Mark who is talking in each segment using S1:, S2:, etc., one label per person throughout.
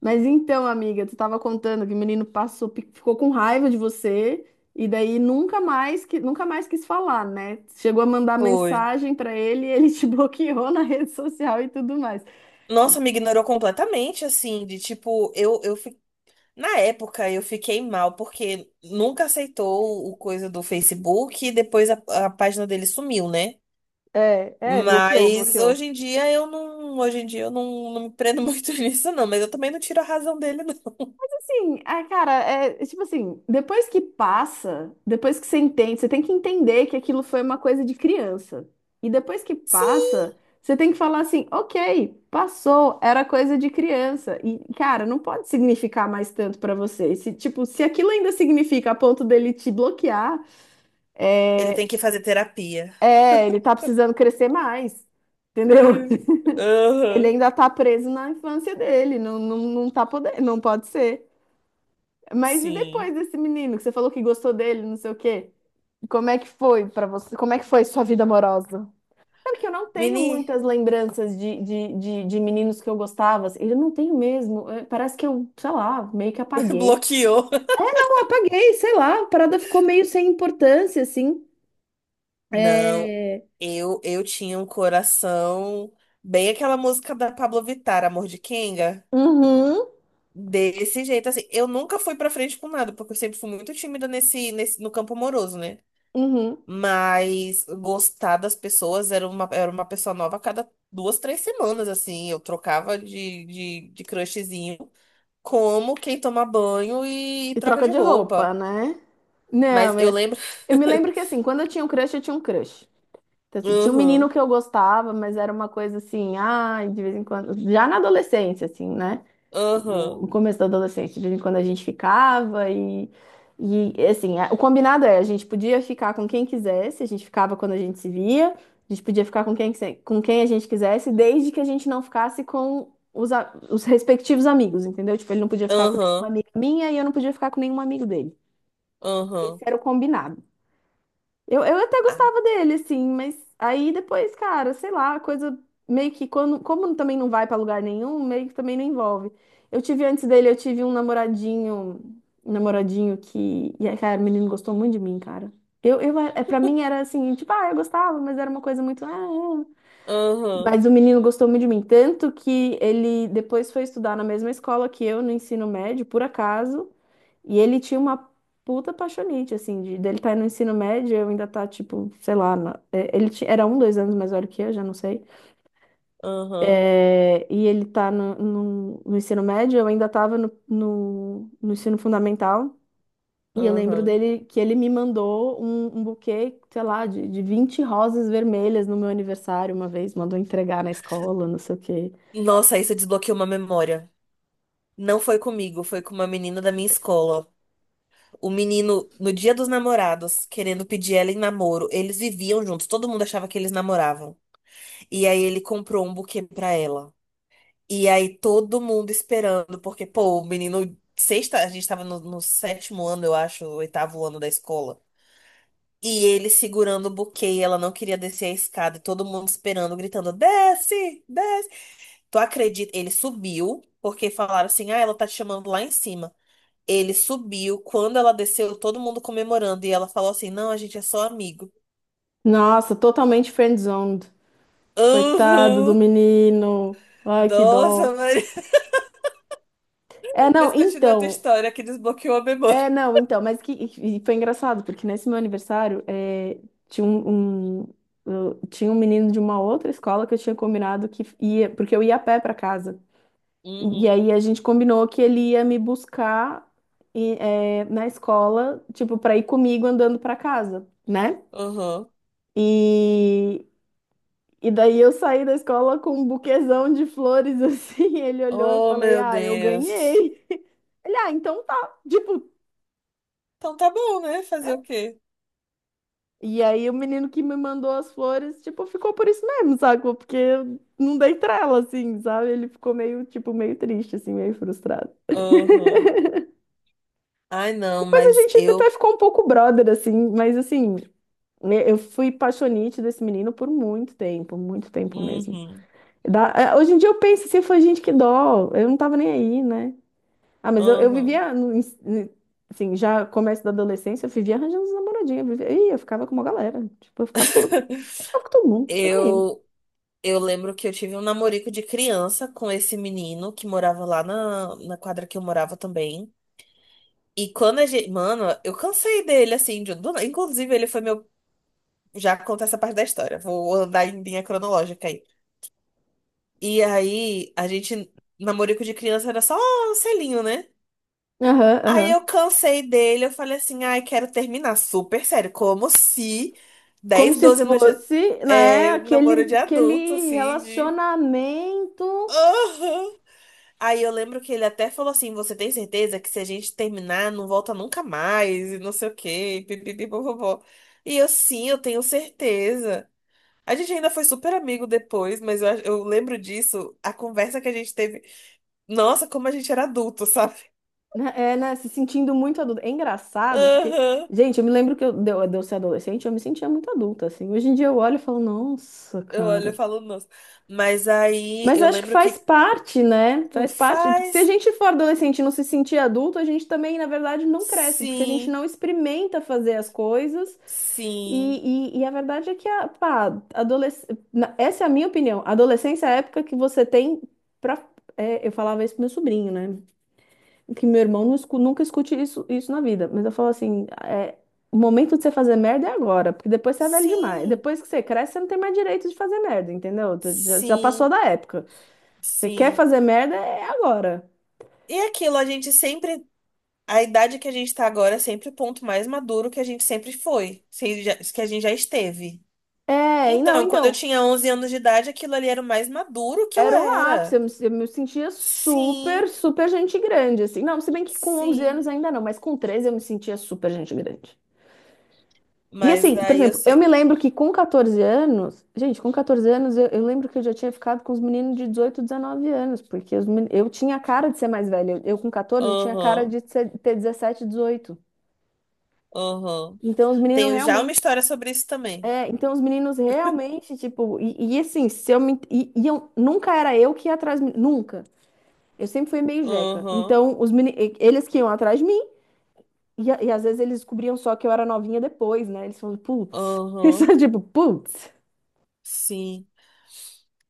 S1: Mas então, amiga, tu tava contando que o menino passou, ficou com raiva de você e daí nunca mais quis falar, né? Chegou a mandar
S2: Foi.
S1: mensagem pra ele, e ele te bloqueou na rede social e tudo mais.
S2: Nossa, me ignorou completamente, assim, de tipo, na época eu fiquei mal, porque nunca aceitou o coisa do Facebook e depois a página dele sumiu, né?
S1: É, bloqueou,
S2: Mas
S1: bloqueou.
S2: hoje em dia eu não. Hoje em dia eu não me prendo muito nisso, não. Mas eu também não tiro a razão dele, não.
S1: Sim, ah, cara, é tipo assim, depois que passa, depois que você entende, você tem que entender que aquilo foi uma coisa de criança. E depois que
S2: Sim.
S1: passa, você tem que falar assim, ok, passou, era coisa de criança. E, cara, não pode significar mais tanto pra você. Se, tipo, se aquilo ainda significa a ponto dele te bloquear,
S2: Ele
S1: é,
S2: tem que fazer terapia.
S1: é, ele tá precisando crescer mais, entendeu?
S2: Hum.
S1: Ele
S2: Aham.
S1: ainda tá preso na infância dele, não, não, não tá podendo, não pode ser. Mas e
S2: Sim.
S1: depois desse menino que você falou que gostou dele, não sei o quê? Como é que foi pra você? Como é que foi sua vida amorosa? Sabe que eu não tenho
S2: Mini
S1: muitas lembranças de meninos que eu gostava. Assim, eu não tenho mesmo. É, parece que eu, sei lá, meio que apaguei.
S2: bloqueou.
S1: Eu apaguei, sei lá, a parada ficou meio sem importância, assim.
S2: Não,
S1: É...
S2: eu tinha um coração bem aquela música da Pablo Vittar, Amor de Kenga,
S1: Uhum,
S2: desse jeito assim. Eu nunca fui pra frente com nada, porque eu sempre fui muito tímida nesse, nesse no campo amoroso, né?
S1: uhum.
S2: Mas gostar das pessoas era uma pessoa nova a cada 2, 3 semanas assim. Eu trocava de crushzinho, como quem toma banho e,
S1: E
S2: troca
S1: troca
S2: de
S1: de
S2: roupa.
S1: roupa, né?
S2: Mas
S1: Não,
S2: eu
S1: eu,
S2: lembro.
S1: eu me lembro que assim, quando eu tinha um crush, eu tinha um crush. Então, assim, tinha um
S2: Aham,
S1: menino que eu gostava, mas era uma coisa assim, ai, de vez em quando, já na adolescência, assim, né? No
S2: aham,
S1: começo da adolescência, de vez em quando a gente ficava e assim, o combinado é, a gente podia ficar com quem quisesse, a gente ficava quando a gente se via, a gente podia ficar com quem a gente quisesse, desde que a gente não ficasse com os respectivos amigos, entendeu? Tipo, ele não podia ficar com nenhuma
S2: aham,
S1: amiga minha e eu não podia ficar com nenhum amigo dele. Esse
S2: aham.
S1: era o combinado. Eu até
S2: Ah,
S1: gostava dele, assim, mas aí depois, cara, sei lá, a coisa meio que quando, como também não vai pra lugar nenhum, meio que também não envolve. Eu tive antes dele, eu tive um namoradinho que, e aí, cara, o menino gostou muito de mim, cara. Eu, pra mim era assim, tipo, ah, eu gostava, mas era uma coisa muito, ah, é.
S2: aham,
S1: Mas o menino gostou muito de mim, tanto que ele depois foi estudar na mesma escola que eu no ensino médio, por acaso, e ele tinha uma puta apaixonite, assim, dele tá no ensino médio, eu ainda tá, tipo, sei lá, ele era um, dois anos mais velho que eu, já não sei,
S2: aham,
S1: é, e ele tá no ensino médio, eu ainda tava no ensino fundamental, e eu lembro
S2: aham.
S1: dele que ele me mandou um buquê, sei lá, de 20 rosas vermelhas no meu aniversário uma vez, mandou entregar na escola, não sei o quê.
S2: Nossa, aí você desbloqueou uma memória. Não foi comigo, foi com uma menina da minha escola. O menino, no dia dos namorados, querendo pedir ela em namoro, eles viviam juntos, todo mundo achava que eles namoravam. E aí ele comprou um buquê pra ela. E aí todo mundo esperando, porque, pô, o menino, sexta, a gente tava no, no sétimo ano, eu acho, oitavo ano da escola. E ele segurando o buquê, e ela não queria descer a escada, e todo mundo esperando, gritando: desce, desce. Tu acredita? Ele subiu, porque falaram assim: ah, ela tá te chamando lá em cima. Ele subiu, quando ela desceu, todo mundo comemorando. E ela falou assim: não, a gente é só amigo.
S1: Nossa, totalmente friendzoned. Coitado do
S2: Uhum.
S1: menino. Ai, que dó.
S2: Nossa, Maria.
S1: É, não,
S2: Mas continua a tua
S1: então.
S2: história que desbloqueou a memória.
S1: É, não, então. Mas que, e foi engraçado, porque nesse meu aniversário tinha um, um- tinha um menino de uma outra escola que eu tinha combinado que ia, porque eu ia a pé pra casa. E
S2: Uhum.
S1: aí a gente combinou que ele ia me buscar e, na escola, tipo, pra ir comigo andando pra casa, né?
S2: Uhum.
S1: E, E daí eu saí da escola com um buquezão de flores assim. Ele olhou, eu
S2: Oh,
S1: falei:
S2: meu
S1: "Ah, eu
S2: Deus.
S1: ganhei". Ele: "Ah, então tá". Tipo,
S2: Então tá bom, né? Fazer o quê?
S1: e aí o menino que me mandou as flores, tipo, ficou por isso mesmo, sacou? Porque eu não dei trela assim, sabe? Ele ficou meio, tipo, meio triste assim, meio frustrado.
S2: Uhum. Ai, não,
S1: Depois a
S2: mas
S1: gente até
S2: eu.
S1: ficou um pouco brother assim, mas assim, né, eu fui paixonite desse menino por muito tempo mesmo.
S2: Uhum.
S1: Hoje em dia eu penso assim, foi gente que dó, eu não tava nem aí, né? Ah, mas eu,
S2: Uhum.
S1: vivia, assim, já começo da adolescência, eu vivia arranjando as namoradinhas. Eu vivia, ih, eu ficava com uma galera. Tipo, eu ficava com, eu ficava com todo mundo. Tava nem aí.
S2: Eu Eu lembro que eu tive um namorico de criança com esse menino que morava lá na, na quadra que eu morava também. E quando a gente. Mano, eu cansei dele, assim. De, do- inclusive, ele foi meu. Já conta essa parte da história. Vou andar em linha cronológica aí. E aí, a gente. Namorico de criança era só um selinho, né?
S1: Aham,
S2: Aí
S1: aham.
S2: eu cansei dele. Eu falei assim: ai, quero terminar. Super sério. Como se
S1: Como
S2: 10
S1: se
S2: 12 anos de.
S1: fosse, né,
S2: É, namoro
S1: aquele,
S2: de adulto,
S1: aquele
S2: assim, de.
S1: relacionamento,
S2: Aham. Aí eu lembro que ele até falou assim: Você tem certeza que se a gente terminar, não volta nunca mais, e não sei o quê, pipipipopopó. E eu, sim, eu tenho certeza. A gente ainda foi super amigo depois, mas eu lembro disso, a conversa que a gente teve. Nossa, como a gente era adulto, sabe?
S1: né, né, se sentindo muito adulta. É engraçado, porque,
S2: Aham.
S1: gente, eu me lembro que eu, de eu de eu ser adolescente, eu me sentia muito adulta, assim. Hoje em dia eu olho e falo, nossa,
S2: Eu olho e
S1: cara.
S2: falo, nossa. Mas aí
S1: Mas
S2: eu
S1: acho que
S2: lembro
S1: faz
S2: que
S1: parte, né?
S2: um
S1: Faz parte. Porque se a
S2: faz
S1: gente for adolescente e não se sentir adulto, a gente também, na verdade, não cresce, porque a gente
S2: sim,
S1: não experimenta fazer as coisas.
S2: sim,
S1: E a verdade é que, a, pá. Adolesc... na- essa é a minha opinião. A adolescência é a época que você tem pra. Eu falava isso pro meu sobrinho, né? Que meu irmão não nunca escute isso na vida. Mas eu falo assim: o momento de você fazer merda é agora, porque depois você é velho demais.
S2: sim,
S1: Depois que você cresce, você não tem mais direito de fazer merda, entendeu? Já passou
S2: sim,
S1: da época. Você quer
S2: sim.
S1: fazer merda? É agora.
S2: E aquilo, a gente sempre. A idade que a gente tá agora é sempre o ponto mais maduro que a gente sempre foi, se que a gente já esteve.
S1: É, e não,
S2: Então, quando eu
S1: então,
S2: tinha 11 anos de idade, aquilo ali era o mais maduro que eu
S1: era o ápice.
S2: era.
S1: Eu me sentia super,
S2: Sim,
S1: super gente grande, assim. Não, se bem que com 11 anos
S2: sim.
S1: ainda não, mas com 13 eu me sentia super gente grande. E
S2: Mas
S1: assim, por
S2: aí eu
S1: exemplo, eu me
S2: sei.
S1: lembro que com 14 anos, gente, com 14 anos eu lembro que eu já tinha ficado com os meninos de 18 19 anos, porque os eu tinha cara de ser mais velha. Eu com 14 tinha cara
S2: Aham,
S1: de ter 17 18.
S2: aham.
S1: Então os meninos
S2: Tenho já uma
S1: realmente
S2: história sobre isso também.
S1: então os meninos realmente, tipo, e assim, se eu me, e eu, nunca era eu que ia atrás, de mim, nunca. Eu sempre fui meio jeca.
S2: Aham,
S1: Então, eles que iam atrás de mim, e às vezes eles descobriam só que eu era novinha depois, né? Eles falam, putz, isso
S2: aham.
S1: é tipo, putz.
S2: Sim.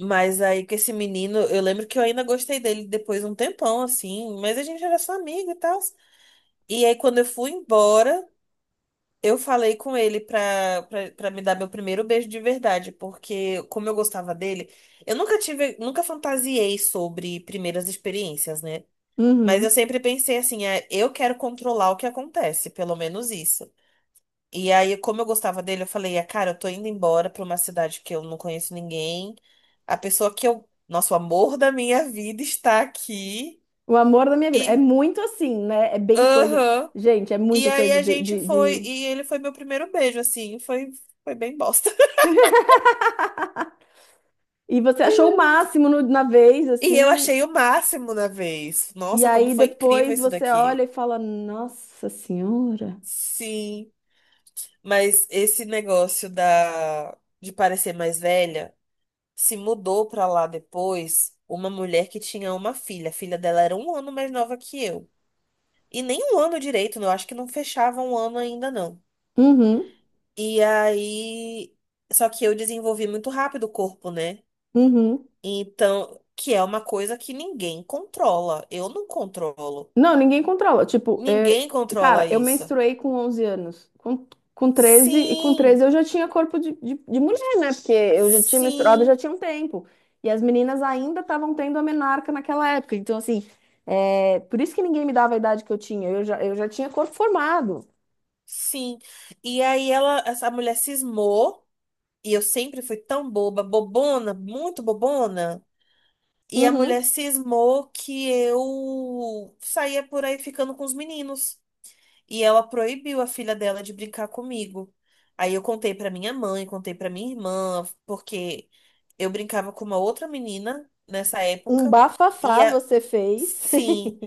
S2: Mas aí com esse menino, eu lembro que eu ainda gostei dele depois de um tempão, assim. Mas a gente era só amigo e tal. E aí, quando eu fui embora. Eu falei com ele pra me dar meu primeiro beijo de verdade, porque como eu gostava dele, eu nunca tive, nunca fantasiei sobre primeiras experiências, né? Mas eu
S1: Uhum.
S2: sempre pensei assim, é, eu quero controlar o que acontece, pelo menos isso. E aí, como eu gostava dele, eu falei, ah, cara, eu tô indo embora pra uma cidade que eu não conheço ninguém. A pessoa nosso amor da minha vida está aqui.
S1: O amor da minha vida. É
S2: E,
S1: muito assim, né? É bem coisa.
S2: aham.
S1: Gente, é
S2: E
S1: muito
S2: aí
S1: coisa
S2: a
S1: de,
S2: gente
S1: de,
S2: foi,
S1: de-
S2: e ele foi meu primeiro beijo, assim, foi, foi bem bosta.
S1: E você achou o máximo na vez,
S2: E eu
S1: assim,
S2: achei o máximo na vez.
S1: e
S2: Nossa, como
S1: aí
S2: foi incrível
S1: depois
S2: isso
S1: você olha
S2: daqui.
S1: e fala, nossa senhora.
S2: Sim, mas esse negócio da de parecer mais velha se mudou pra lá depois uma mulher que tinha uma filha. A filha dela era um ano mais nova que eu. E nem um ano direito, né? Eu acho que não fechava um ano ainda não.
S1: Uhum.
S2: E aí, só que eu desenvolvi muito rápido o corpo, né?
S1: Uhum.
S2: Então, que é uma coisa que ninguém controla. Eu não controlo.
S1: Não, ninguém controla. Tipo,
S2: Ninguém controla
S1: cara, eu
S2: isso.
S1: menstruei com 11 anos. Com 13, e com 13
S2: Sim,
S1: eu já tinha corpo de mulher, né? Porque eu já tinha menstruado, já
S2: sim,
S1: tinha um tempo. E as meninas ainda estavam tendo a menarca naquela época. Então, assim, por isso que ninguém me dava a idade que eu tinha. Eu já tinha corpo formado.
S2: sim. E aí ela, essa mulher cismou, e eu sempre fui tão boba, bobona, muito bobona. E a
S1: Uhum.
S2: mulher cismou que eu saía por aí ficando com os meninos. E ela proibiu a filha dela de brincar comigo. Aí eu contei pra minha mãe, contei pra minha irmã, porque eu brincava com uma outra menina nessa
S1: Um
S2: época. E
S1: bafafá
S2: a...
S1: você fez.
S2: sim.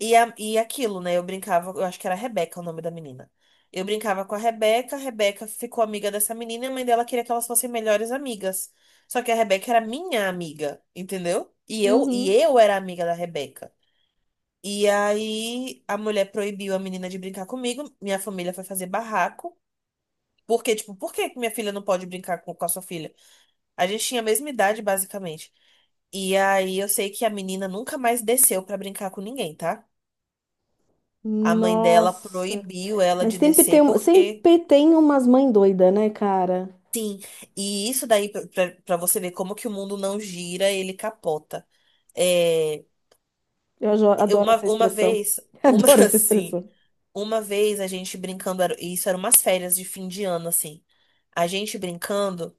S2: E aquilo, né? Eu brincava, eu acho que era Rebeca o nome da menina. Eu brincava com a Rebeca ficou amiga dessa menina e a mãe dela queria que elas fossem melhores amigas. Só que a Rebeca era minha amiga, entendeu? E
S1: Uhum.
S2: eu era amiga da Rebeca. E aí a mulher proibiu a menina de brincar comigo, minha família foi fazer barraco. Porque, tipo, por que que minha filha não pode brincar com a sua filha? A gente tinha a mesma idade, basicamente. E aí eu sei que a menina nunca mais desceu pra brincar com ninguém, tá? A mãe dela
S1: Nossa.
S2: proibiu ela
S1: Mas
S2: de
S1: sempre
S2: descer
S1: tem, um-
S2: porque
S1: sempre tem umas mães doidas, né, cara?
S2: e isso daí para você ver como que o mundo não gira, ele capota. É,
S1: Eu adoro essa
S2: uma
S1: expressão.
S2: vez, uma
S1: Adoro essa
S2: assim,
S1: expressão.
S2: uma vez a gente brincando, isso eram umas férias de fim de ano assim. A gente brincando.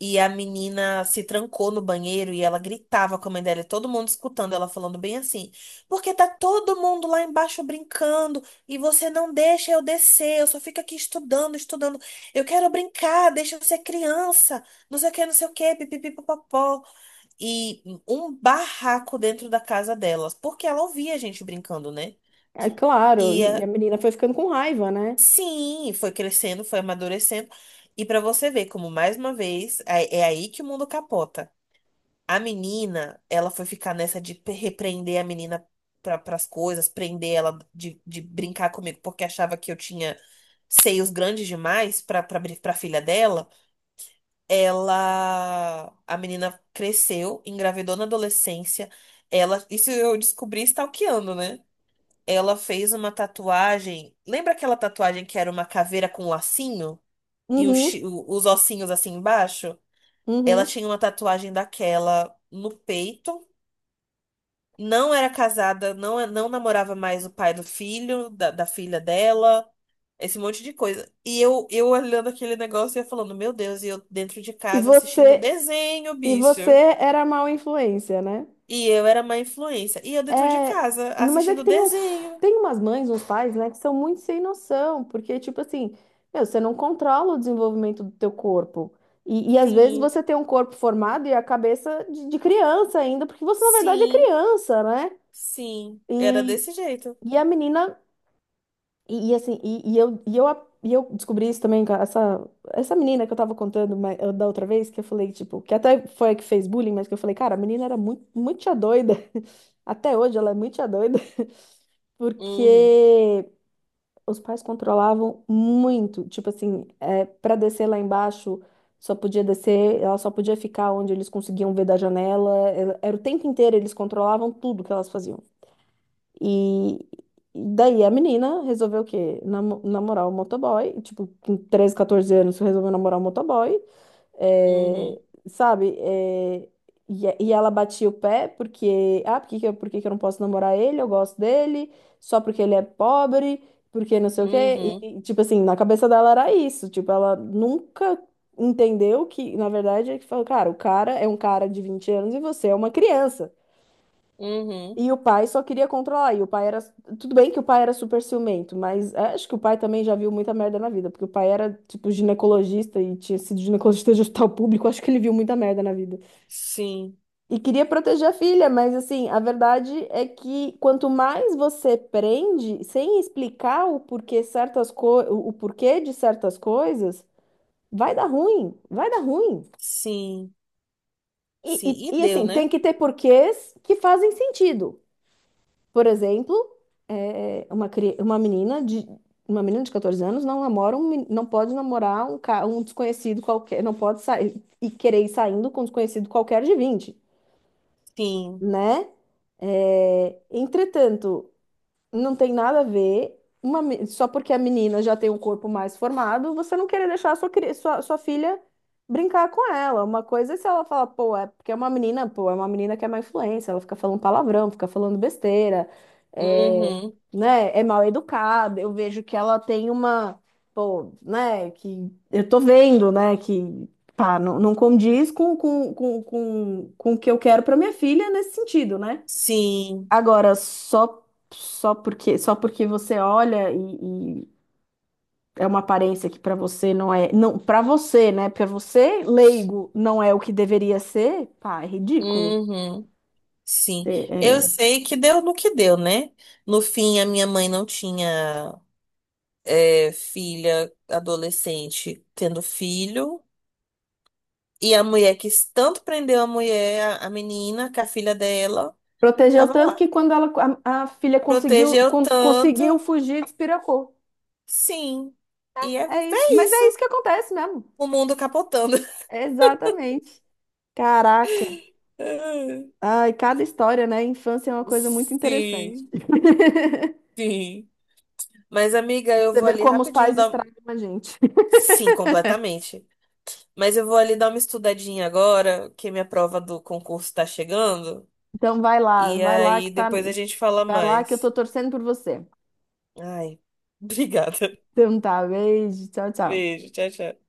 S2: E a menina se trancou no banheiro e ela gritava com a mãe dela, e todo mundo escutando ela falando bem assim: Porque tá todo mundo lá embaixo brincando e você não deixa eu descer, eu só fico aqui estudando, estudando. Eu quero brincar, deixa eu ser criança, não sei o que, não sei o que, pipipipopopó. E um barraco dentro da casa delas, porque ela ouvia a gente brincando, né?
S1: É claro,
S2: E
S1: e a
S2: eh,
S1: menina foi ficando com raiva, né?
S2: sim, foi crescendo, foi amadurecendo. E pra você ver como, mais uma vez, é aí que o mundo capota. A menina, ela foi ficar nessa de repreender a menina para as coisas, prender ela de brincar comigo, porque achava que eu tinha seios grandes demais para filha dela. Ela, a menina cresceu, engravidou na adolescência. Ela, isso eu descobri stalkeando, né? Ela fez uma tatuagem. Lembra aquela tatuagem que era uma caveira com lacinho e os
S1: Uhum,
S2: os ossinhos assim embaixo? Ela
S1: uhum.
S2: tinha uma tatuagem daquela no peito, não era casada, não namorava mais o pai do filho, da filha dela, esse monte de coisa. E eu olhando aquele negócio e eu falando, meu Deus, e eu dentro de
S1: E
S2: casa assistindo
S1: você,
S2: desenho,
S1: e você
S2: bicho.
S1: era mal influência, né?
S2: E eu era uma influência. E eu dentro de
S1: É,
S2: casa
S1: mas é que
S2: assistindo
S1: tem uns,
S2: desenho.
S1: tem umas mães, uns pais, né, que são muito sem noção, porque, tipo assim, meu, você não controla o desenvolvimento do teu corpo. E às vezes
S2: Sim,
S1: você tem um corpo formado e a cabeça de criança ainda, porque você, na verdade, é
S2: sim,
S1: criança, né?
S2: sim. Era
S1: E,
S2: desse jeito.
S1: e a menina e assim, e eu descobri isso também com essa menina que eu tava contando da outra vez, que eu falei, tipo, que até foi a que fez bullying, mas que eu falei, cara, a menina era muito, muito tia doida. Até hoje ela é muito tia doida,
S2: Uhum,
S1: porque os pais controlavam muito. Tipo assim, para descer lá embaixo, só podia descer, ela só podia ficar onde eles conseguiam ver da janela. Era o tempo inteiro, eles controlavam tudo que elas faziam. E e daí a menina resolveu o quê? Namorar o motoboy. Tipo, com 13, 14 anos, resolveu namorar o motoboy.
S2: uhum,
S1: É, sabe? É, e ela batia o pé porque... Ah, por que que eu não posso namorar ele? Eu gosto dele. Só porque ele é pobre. Porque não sei o quê.
S2: uhum,
S1: E, tipo assim, na cabeça dela era isso. Tipo, ela nunca entendeu que, na verdade, é que falou, cara, o cara é um cara de 20 anos e você é uma criança.
S2: uhum.
S1: E o pai só queria controlar. E o pai era. Tudo bem que o pai era super ciumento, mas acho que o pai também já viu muita merda na vida, porque o pai era, tipo, ginecologista e tinha sido ginecologista de hospital público. Acho que ele viu muita merda na vida.
S2: Sim,
S1: E queria proteger a filha, mas assim, a verdade é que quanto mais você prende, sem explicar o porquê certas o porquê de certas coisas, vai dar ruim, vai dar ruim.
S2: sim,
S1: E,
S2: sim. E
S1: e, e
S2: deu,
S1: assim, tem
S2: né?
S1: que ter porquês que fazem sentido. Por exemplo, é, é, uma, cri- uma menina de uma menina de 14 anos não namora não pode namorar um desconhecido qualquer, não pode sair e querer ir saindo com um desconhecido qualquer de 20,
S2: Sim.
S1: né? É, entretanto, não tem nada a ver. Só porque a menina já tem um corpo mais formado, você não querer deixar a sua filha brincar com ela. Uma coisa é se ela fala, pô, é porque é uma menina, pô, é uma menina que é má influência, ela fica falando palavrão, fica falando besteira, é,
S2: Uhum.
S1: né, é mal educada. Eu vejo que ela tem uma, pô, né, que eu tô vendo, né, que pá, não, não condiz com o que eu quero pra minha filha nesse sentido, né?
S2: Sim.
S1: Agora, só porque você olha e é uma aparência que para você não é, não, para você, né? Para você, leigo, não é o que deveria ser, pá, é ridículo.
S2: Uhum, sim.
S1: É,
S2: Eu
S1: é.
S2: sei que deu no que deu, né? No fim, a minha mãe não tinha filha adolescente tendo filho. E a mulher que tanto prendeu a mulher, a menina, que a filha dela,
S1: Protegeu
S2: tava
S1: tanto
S2: lá.
S1: que quando ela, a filha conseguiu
S2: Protegeu tanto,
S1: conseguiu fugir, despiracou.
S2: sim. E é,
S1: É isso.
S2: é
S1: Mas é isso
S2: isso.
S1: que acontece mesmo.
S2: O mundo capotando.
S1: Exatamente. Caraca. Ai, cada história, né? Infância é uma coisa muito interessante.
S2: Sim, sim. Mas, amiga,
S1: E pra
S2: eu
S1: você
S2: vou
S1: ver
S2: ali
S1: como os
S2: rapidinho
S1: pais
S2: dar.
S1: estragam a gente.
S2: Sim, completamente. Mas eu vou ali dar uma estudadinha agora, que minha prova do concurso tá chegando.
S1: Então
S2: E
S1: vai lá que
S2: aí
S1: tá,
S2: depois a gente fala
S1: vai lá que eu tô
S2: mais.
S1: torcendo por você.
S2: Ai, obrigada.
S1: Então tá, beijo, tchau, tchau.
S2: Beijo, tchau, tchau.